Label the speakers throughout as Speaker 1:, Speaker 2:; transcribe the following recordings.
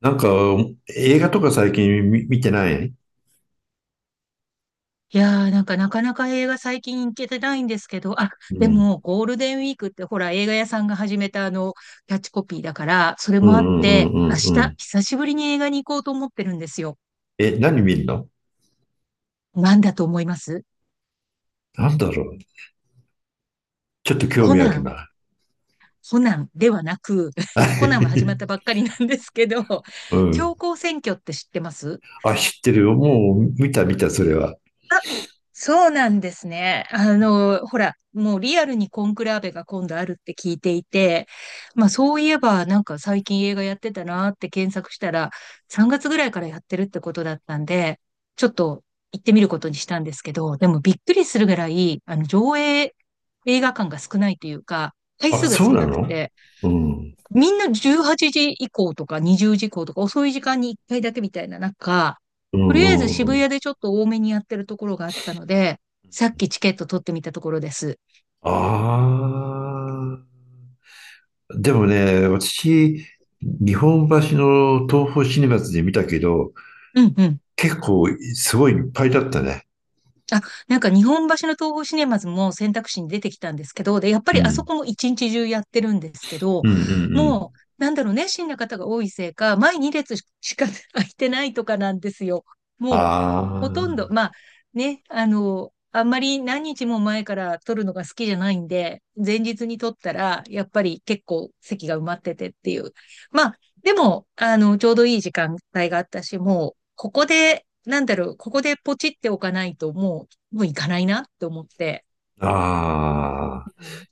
Speaker 1: なんか、映画とか最近見てない。
Speaker 2: いやー、なんかなかなか映画最近行けてないんですけど、あ、
Speaker 1: う
Speaker 2: で
Speaker 1: ん。
Speaker 2: もゴールデンウィークってほら映画屋さんが始めたキャッチコピーだから、それ
Speaker 1: う
Speaker 2: もあ
Speaker 1: ん
Speaker 2: っ
Speaker 1: うんう
Speaker 2: て、明
Speaker 1: んうんう
Speaker 2: 日
Speaker 1: ん。
Speaker 2: 久しぶりに映画に行こうと思ってるんですよ。
Speaker 1: え、何見るの？
Speaker 2: なんだと思います
Speaker 1: なんだろう。ちょっと興
Speaker 2: コ
Speaker 1: 味あ
Speaker 2: ナ
Speaker 1: る
Speaker 2: ン、
Speaker 1: な。
Speaker 2: コナンではなく、
Speaker 1: は
Speaker 2: コナンは始まった
Speaker 1: い。
Speaker 2: ばっかりなんですけど、
Speaker 1: うん。
Speaker 2: 強行選挙って知ってます
Speaker 1: あ、知ってるよ。もう見た見た、それは。
Speaker 2: そうなんですね。あの、ほら、もうリアルにコンクラーベが今度あるって聞いていて、まあそういえばなんか最近映画やってたなって検索したら、3月ぐらいからやってるってことだったんで、ちょっと行ってみることにしたんですけど、でもびっくりするぐらい、上映映画館が少ないというか、回
Speaker 1: あ、
Speaker 2: 数が
Speaker 1: そう
Speaker 2: 少
Speaker 1: な
Speaker 2: なく
Speaker 1: の？
Speaker 2: て、
Speaker 1: うん。
Speaker 2: みんな18時以降とか20時以降とか遅い時間に1回だけみたいな中、
Speaker 1: う
Speaker 2: と
Speaker 1: ん
Speaker 2: りあえず
Speaker 1: うんう
Speaker 2: 渋谷
Speaker 1: ん。
Speaker 2: でちょっと多めにやってるところがあったので、さっきチケット取ってみたところです。
Speaker 1: ああ、でもね、私、日本橋の東宝シネマズで見たけど、
Speaker 2: うんうん。
Speaker 1: 結構すごいいっぱいだったね。
Speaker 2: あ、なんか日本橋の東宝シネマズも選択肢に出てきたんですけど、で、やっぱ
Speaker 1: う
Speaker 2: りあそ
Speaker 1: ん。
Speaker 2: こも一日中やってるんですけど、
Speaker 1: うんうんう
Speaker 2: もう、
Speaker 1: ん。
Speaker 2: なんだろうね、熱心な方が多いせいか、前2列しか 空いてないとかなんですよ。もう、ほとん
Speaker 1: あ
Speaker 2: ど、まあ、ね、あの、あんまり何日も前から撮るのが好きじゃないんで、前日に撮ったら、やっぱり結構席が埋まっててっていう。まあ、でも、あの、ちょうどいい時間帯があったし、もう、ここで、なんだろう、ここでポチっておかないと、もう行かないなって思って。
Speaker 1: あ、あ
Speaker 2: う
Speaker 1: あ。
Speaker 2: ん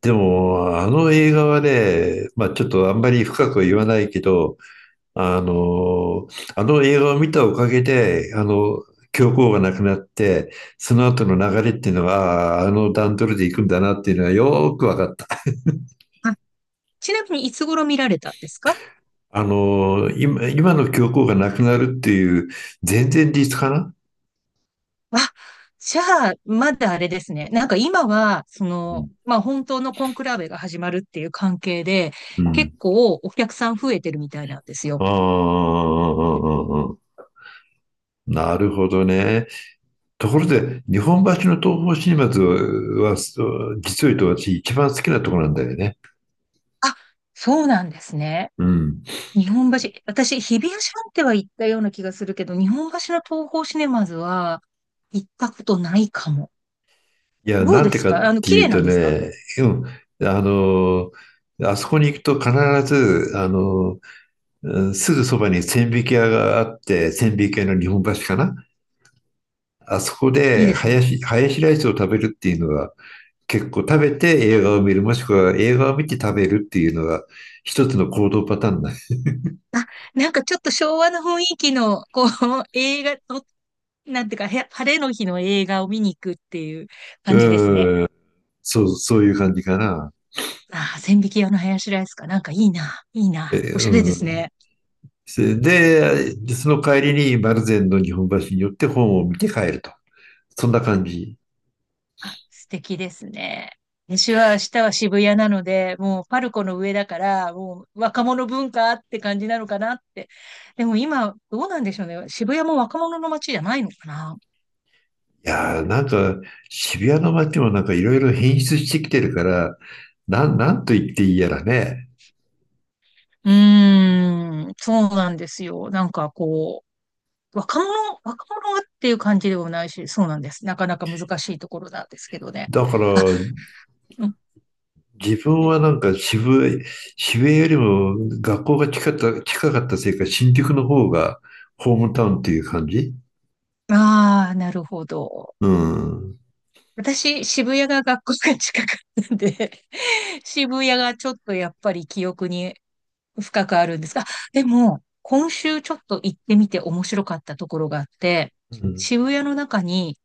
Speaker 1: でも、あの映画はね、まあちょっとあんまり深くは言わないけど、あの、あの映画を見たおかげで、教皇が亡くなって、その後の流れっていうのが、あああの段取りで行くんだなっていうのはよーく分かった。
Speaker 2: あ、ちなみにいつ頃見られたんですか
Speaker 1: 今の教皇がなくなるっていう、全然日かな？
Speaker 2: あ、じゃあ、まだあれですね。なんか今は、そ
Speaker 1: う
Speaker 2: の、
Speaker 1: ん
Speaker 2: まあ本当のコンクラーベが始まるっていう関係で、
Speaker 1: うん。
Speaker 2: 結構お客さん増えてるみたいなんです
Speaker 1: あ
Speaker 2: よ。
Speaker 1: あ、ああああなるほどね。ところで、日本橋の東宝シネマズは、実を言うと私一番好きなところなんだよね。
Speaker 2: あ、そうなんですね。
Speaker 1: うん。
Speaker 2: 日本橋、私、日比谷シャンテは行ったような気がするけど、日本橋の東宝シネマズは行ったことないかも。
Speaker 1: いや、
Speaker 2: どう
Speaker 1: なん
Speaker 2: で
Speaker 1: て
Speaker 2: す
Speaker 1: かっ
Speaker 2: かあの、
Speaker 1: て
Speaker 2: 綺
Speaker 1: いう
Speaker 2: 麗な
Speaker 1: と
Speaker 2: んですか
Speaker 1: ね、うん、あそこに行くと必ず、うんすぐそばに千疋屋があって、千疋屋の日本橋かな？あそこ
Speaker 2: いい
Speaker 1: で、
Speaker 2: です
Speaker 1: ハ
Speaker 2: ね。
Speaker 1: ヤシ、ハヤシライスを食べるっていうのは、結構食べて映画を見る、もしくは映画を見て食べるっていうのが、一つの行動パターンだ。
Speaker 2: あ、なんかちょっと昭和の雰囲気の、こう、映画の、なんていうか、へ晴れの日の映画を見に行くっていう感じですね。
Speaker 1: うん、そう、そういう感じかな。
Speaker 2: ああ、千疋屋の林ライスか。なんかいいな、いい
Speaker 1: え
Speaker 2: な。おしゃれです
Speaker 1: うん、
Speaker 2: ね。
Speaker 1: で、その帰りに丸善の日本橋に寄って本を見て帰ると。そんな感じ。
Speaker 2: あ、素敵ですね。私は明日は渋谷なので、もうパルコの上だから、もう若者文化って感じなのかなって。でも今、どうなんでしょうね。渋谷も若者の街じゃないのかな。
Speaker 1: いやー、なんか渋谷の街もなんかいろいろ変質してきてるから、なんと言っていいやらね。
Speaker 2: うーん、そうなんですよ。なんかこう、若者っていう感じでもないし、そうなんです。なかなか難しいところなんですけどね。
Speaker 1: だから
Speaker 2: あ、うん、
Speaker 1: 自分はなんか渋谷よりも学校が近かったせいか新宿の方がホームタウンっていう感じ。
Speaker 2: ああ、なるほど。
Speaker 1: うん。
Speaker 2: 私、渋谷が学校が近かったんで、渋谷がちょっとやっぱり記憶に深くあるんですが、でも、今週ちょっと行ってみて面白かったところがあって、
Speaker 1: うん。
Speaker 2: 渋谷の中に、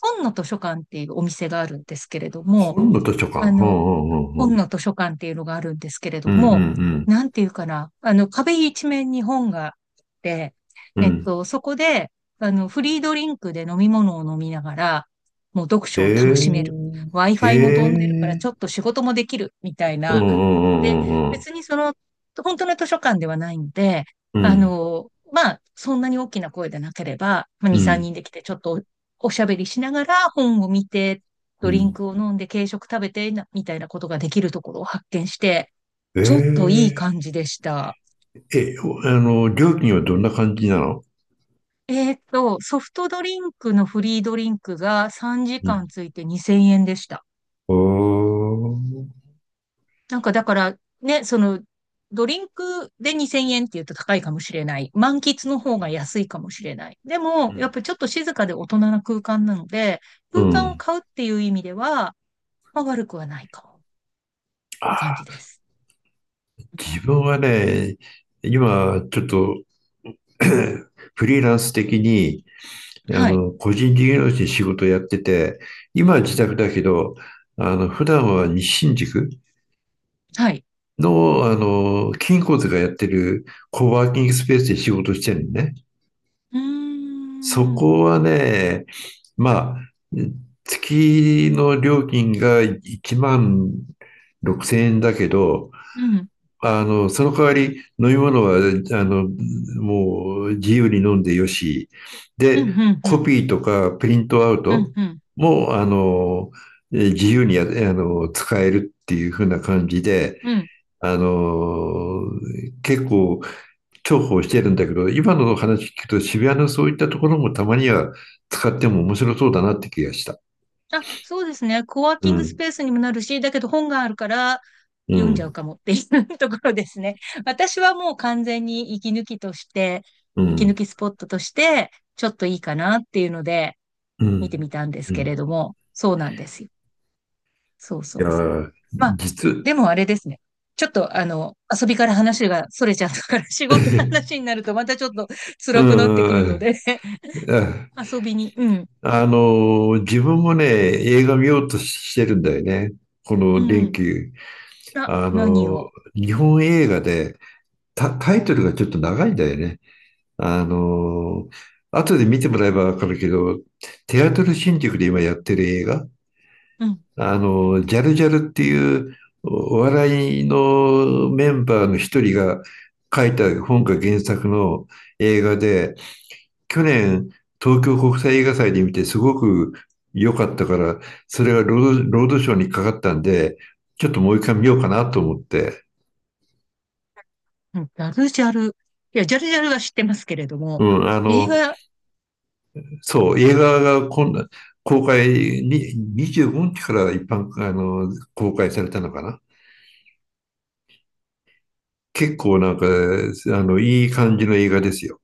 Speaker 2: 本の図書館っていうお店があるんですけれども、
Speaker 1: 本の図書
Speaker 2: あ
Speaker 1: 館。う
Speaker 2: の、
Speaker 1: んうんうんう
Speaker 2: 本
Speaker 1: ん。
Speaker 2: の図書館っていうのがあるんですけれ
Speaker 1: う
Speaker 2: ど
Speaker 1: んう
Speaker 2: も、
Speaker 1: ん
Speaker 2: なんていうかな、あの、壁一面に本があって、
Speaker 1: うん。うん。
Speaker 2: そこで、あの、フリードリンクで飲み物を飲みながら、もう読書を楽しめ
Speaker 1: へ
Speaker 2: る。
Speaker 1: え。へ
Speaker 2: Wi-Fi も飛んでるから、ち
Speaker 1: え。
Speaker 2: ょっと仕事もできる、みたい
Speaker 1: うんう
Speaker 2: な、で、
Speaker 1: んうん
Speaker 2: 別にその、本当の図書館ではないんで、
Speaker 1: うんう
Speaker 2: あ
Speaker 1: ん。
Speaker 2: の、まあ、そんなに大きな声でなければ、まあ、
Speaker 1: う
Speaker 2: 2、3人
Speaker 1: ん。
Speaker 2: で来て、ちょっとおおしゃべりしながら本を見て、
Speaker 1: うん。
Speaker 2: ド
Speaker 1: う
Speaker 2: リン
Speaker 1: ん
Speaker 2: クを飲んで、軽食食べてな、みたいなことができるところを発見して、
Speaker 1: え
Speaker 2: ちょっといい
Speaker 1: え。
Speaker 2: 感じでした。
Speaker 1: え、おあの、料金はどんな感じなの？
Speaker 2: ソフトドリンクのフリードリンクが3
Speaker 1: う
Speaker 2: 時
Speaker 1: ん。
Speaker 2: 間ついて2000円でした。
Speaker 1: おー。
Speaker 2: なんかだからね、その、ドリンクで2000円って言うと高いかもしれない。満喫の方
Speaker 1: う
Speaker 2: が
Speaker 1: ん。
Speaker 2: 安いかもしれない。で
Speaker 1: う
Speaker 2: も、やっ
Speaker 1: ん。
Speaker 2: ぱちょっと静かで大人な空間なので、
Speaker 1: う
Speaker 2: 空間を
Speaker 1: ん。
Speaker 2: 買うっていう意味では、まあ、悪くはないかもって感じです。
Speaker 1: 自分はね、今、ちょっと フリーランス的に、
Speaker 2: はい。
Speaker 1: 個人事業主に仕事をやってて、今は自宅だけど、普段は西新宿
Speaker 2: はい。
Speaker 1: の、金骨がやってるコワーキングスペースで仕事してるのね。
Speaker 2: うー
Speaker 1: そ
Speaker 2: ん。
Speaker 1: こはね、まあ、月の料金が1万6000円だけど、
Speaker 2: うん。
Speaker 1: その代わり飲み物は、もう自由に飲んでよし。
Speaker 2: うん。う
Speaker 1: で、
Speaker 2: ん。う
Speaker 1: コ
Speaker 2: ん。
Speaker 1: ピーとかプリントアウ
Speaker 2: う
Speaker 1: ト
Speaker 2: ん。うん。
Speaker 1: も、自由にや、あの、使えるっていう風な感じで、
Speaker 2: うん
Speaker 1: あの、結構重宝してるんだけど、今の話聞くと渋谷のそういったところもたまには使っても面白そうだなって気がした。
Speaker 2: あ、そうですね。コワー
Speaker 1: う
Speaker 2: キングス
Speaker 1: ん、
Speaker 2: ペースにもなるし、だけど本があるから、
Speaker 1: う
Speaker 2: 読んじゃう
Speaker 1: ん、
Speaker 2: かもっていうところですね。私はもう完全に息抜きとして、
Speaker 1: う
Speaker 2: 息抜
Speaker 1: ん、
Speaker 2: きスポットとして、ちょっといいかなっていうので、
Speaker 1: う
Speaker 2: 見て
Speaker 1: ん、
Speaker 2: みたんで
Speaker 1: う
Speaker 2: す
Speaker 1: ん。
Speaker 2: けれ
Speaker 1: い
Speaker 2: ども、そうなんですよ。そうそ
Speaker 1: や
Speaker 2: うそう。
Speaker 1: ー、
Speaker 2: まあ、
Speaker 1: 実、
Speaker 2: でもあれですね。ちょっとあの、遊びから話が逸れちゃったから、仕事の 話になるとまたちょっと
Speaker 1: う
Speaker 2: 辛くなってくる
Speaker 1: ん、
Speaker 2: ので
Speaker 1: うん
Speaker 2: 遊びに、うん、
Speaker 1: 自分もね、映画見ようとしてるんだよね。こ
Speaker 2: う
Speaker 1: の連
Speaker 2: ん、
Speaker 1: 休。
Speaker 2: な、
Speaker 1: あ
Speaker 2: 何
Speaker 1: の、
Speaker 2: を、
Speaker 1: 日本映画で、タイトルがちょっと長いんだよね。あの、後で見てもらえばわかるけど、テアトル新宿で今やってる映画、
Speaker 2: うん、
Speaker 1: ジャルジャルっていうお笑いのメンバーの一人が書いた本が原作の映画で、去年、東京国際映画祭で見てすごく良かったから、それがロードショーにかかったんで、ちょっともう一回見ようかなと思って。
Speaker 2: うんジャルジャル。いや、ジャルジャルは知ってますけれど
Speaker 1: う
Speaker 2: も、
Speaker 1: ん、
Speaker 2: 映画
Speaker 1: そう、映画が今度、公開に、25日から一般、公開されたのかな？結構なんか、いい感じの映画ですよ。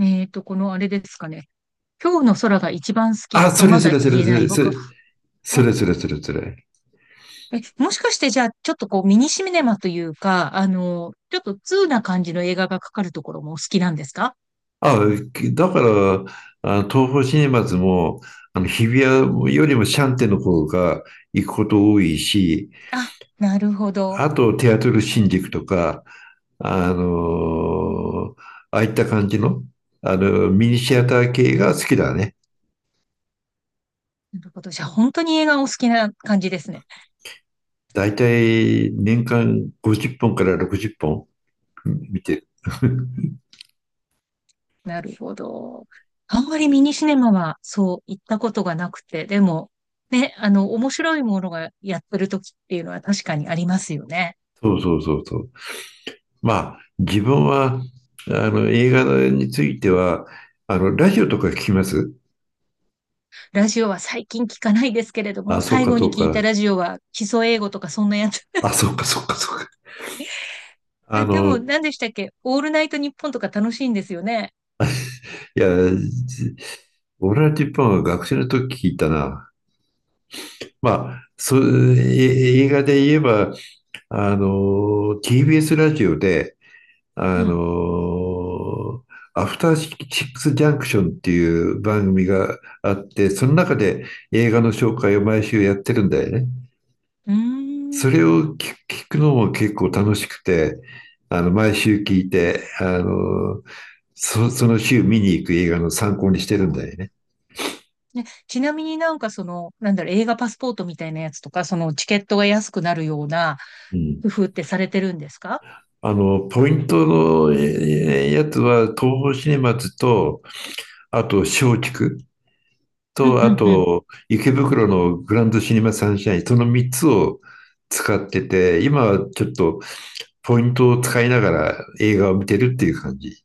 Speaker 2: えっと、このあれですかね。今日の空が一番好き
Speaker 1: あ、そ
Speaker 2: と
Speaker 1: れ
Speaker 2: ま
Speaker 1: そ
Speaker 2: だ
Speaker 1: れそ
Speaker 2: 言
Speaker 1: れ
Speaker 2: え
Speaker 1: そ
Speaker 2: ない
Speaker 1: れ、そ
Speaker 2: 僕
Speaker 1: れ
Speaker 2: は。
Speaker 1: そ
Speaker 2: あ
Speaker 1: れそれそれそれ。
Speaker 2: え、もしかしてじゃあ、ちょっとこうミニシネマというか、あの、ちょっと通な感じの映画がかかるところもお好きなんですか
Speaker 1: あ、だから、東宝シネマズも、日比谷よりもシャンテの方が行くこと多いし、
Speaker 2: あ、なるほど。
Speaker 1: あと、テアトル
Speaker 2: う
Speaker 1: 新宿と
Speaker 2: ん
Speaker 1: か、あのーああいった感じの、ミニシアター系が好きだね。
Speaker 2: なるほど。じゃあ、本当に映画お好きな感じですね。
Speaker 1: だいたい年間50本から60本見てる。
Speaker 2: なるほど。あんまりミニシネマはそう行ったことがなくて、でも、ね、あの、面白いものがやってる時っていうのは確かにありますよね。
Speaker 1: そうそうそうそう。まあ、自分は、映画については、ラジオとか聞きます？
Speaker 2: ラジオは最近聞かないですけれども、
Speaker 1: あ、そう
Speaker 2: 最
Speaker 1: か
Speaker 2: 後
Speaker 1: そ
Speaker 2: に
Speaker 1: う
Speaker 2: 聞いた
Speaker 1: か。
Speaker 2: ラジオは基礎英語とかそんなやつ。
Speaker 1: あ、そっかそっかそっか。
Speaker 2: あ、でも
Speaker 1: い
Speaker 2: 何でしたっけオールナイトニッポンとか楽しいんですよね。
Speaker 1: や、俺オー本ナッンは学生の時聞いたな。まあ、そう、映画で言えば、TBS ラジオで、
Speaker 2: う
Speaker 1: あ
Speaker 2: ん。
Speaker 1: の、アフターシックスジャンクションっていう番組があって、その中で映画の紹介を毎週やってるんだよね。
Speaker 2: うー
Speaker 1: そ
Speaker 2: ん。
Speaker 1: れを聞くのも結構楽しくて、毎週聞いて、その週見に行く映画の参考にしてるんだよね。
Speaker 2: ちなみになんかその、なんだろう、映画パスポートみたいなやつとか、そのチケットが安くなるような
Speaker 1: う
Speaker 2: 工
Speaker 1: ん。
Speaker 2: 夫ってされてるんですか
Speaker 1: ポイントのやつは、東宝シネマズと、あと、松竹
Speaker 2: うん
Speaker 1: と、
Speaker 2: う
Speaker 1: あ
Speaker 2: んうん。
Speaker 1: と、池袋のグランドシネマサンシャイン、その3つを使ってて、今はちょっとポイントを使いながら映画を見てるっていう感じ。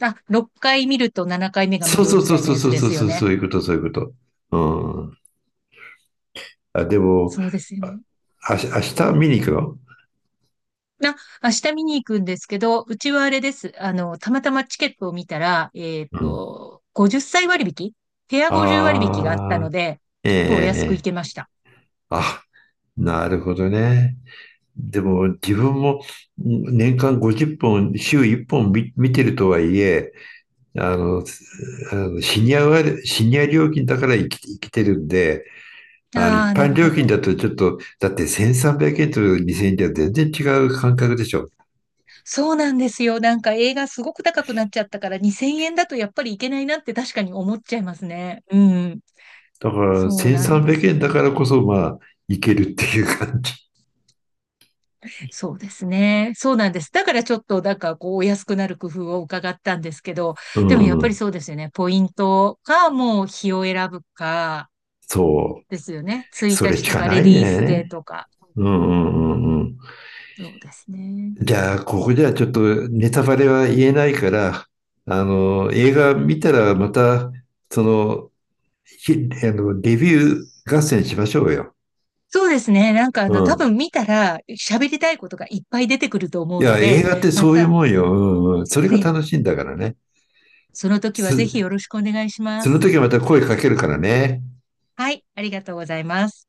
Speaker 2: あ、6回見ると7回目が無
Speaker 1: そう
Speaker 2: 料
Speaker 1: そう
Speaker 2: み
Speaker 1: そう
Speaker 2: たい
Speaker 1: そ
Speaker 2: な
Speaker 1: う
Speaker 2: や
Speaker 1: そ
Speaker 2: つ
Speaker 1: う
Speaker 2: で
Speaker 1: そう
Speaker 2: すよ
Speaker 1: そう、そ
Speaker 2: ね。
Speaker 1: ういうこと、そういうこと。うん。あ、でも、
Speaker 2: そうですよ
Speaker 1: あ、
Speaker 2: ね。
Speaker 1: あし明日見に行くの？
Speaker 2: な、明日見に行くんですけど、うちはあれです。あの、たまたまチケットを見たら、
Speaker 1: うん。
Speaker 2: 50歳割引ペア50割引があった
Speaker 1: あ
Speaker 2: の
Speaker 1: あ、
Speaker 2: で、
Speaker 1: え
Speaker 2: ち
Speaker 1: え
Speaker 2: ょっとお安く行
Speaker 1: え
Speaker 2: け
Speaker 1: え
Speaker 2: ました。
Speaker 1: あ、なるほどね。でも自分も年間50本、週1本見てるとはいえ、あの、シニア料金だから生きてるんで、
Speaker 2: あ
Speaker 1: 一
Speaker 2: あ、な
Speaker 1: 般
Speaker 2: る
Speaker 1: 料
Speaker 2: ほ
Speaker 1: 金
Speaker 2: ど。
Speaker 1: だとちょっと、だって1300円と2000円では全然違う感覚でしょ。
Speaker 2: そうなんですよ。なんか映画すごく高くなっちゃったから2000円だとやっぱりいけないなって確かに思っちゃいますね。うん。
Speaker 1: だから
Speaker 2: そうなんで
Speaker 1: 1300
Speaker 2: す
Speaker 1: 円だ
Speaker 2: よ。
Speaker 1: からこそ、まあ、いけるっていう感じ。
Speaker 2: そうですね。そうなんです。だからちょっと、なんかこう、お安くなる工夫を伺ったんですけど、
Speaker 1: う
Speaker 2: でもやっ
Speaker 1: んう
Speaker 2: ぱり
Speaker 1: ん。
Speaker 2: そうですよね。ポイントか、もう日を選ぶか、
Speaker 1: そう。
Speaker 2: ですよね。1
Speaker 1: それ
Speaker 2: 日
Speaker 1: し
Speaker 2: と
Speaker 1: か
Speaker 2: か
Speaker 1: な
Speaker 2: レ
Speaker 1: い
Speaker 2: ディースデー
Speaker 1: ね。
Speaker 2: とか。
Speaker 1: うんうんうんうん。
Speaker 2: そうですね。
Speaker 1: じゃあ、ここではちょっとネタバレは言えないから、映画見たらまた、その、ひあの、レビュー合戦しましょうよ。
Speaker 2: そうですね。なんかあ
Speaker 1: う
Speaker 2: の、多
Speaker 1: ん。
Speaker 2: 分見たら喋りたいことがいっぱい出てくると思
Speaker 1: い
Speaker 2: うの
Speaker 1: や、映
Speaker 2: で、
Speaker 1: 画って
Speaker 2: ま
Speaker 1: そういう
Speaker 2: た
Speaker 1: もんよ。うんうん。それが
Speaker 2: ね、
Speaker 1: 楽しいんだからね。
Speaker 2: その時はぜひ
Speaker 1: す、
Speaker 2: よろしくお願いしま
Speaker 1: その
Speaker 2: す。
Speaker 1: 時はまた声かけるからね。
Speaker 2: はい、ありがとうございます。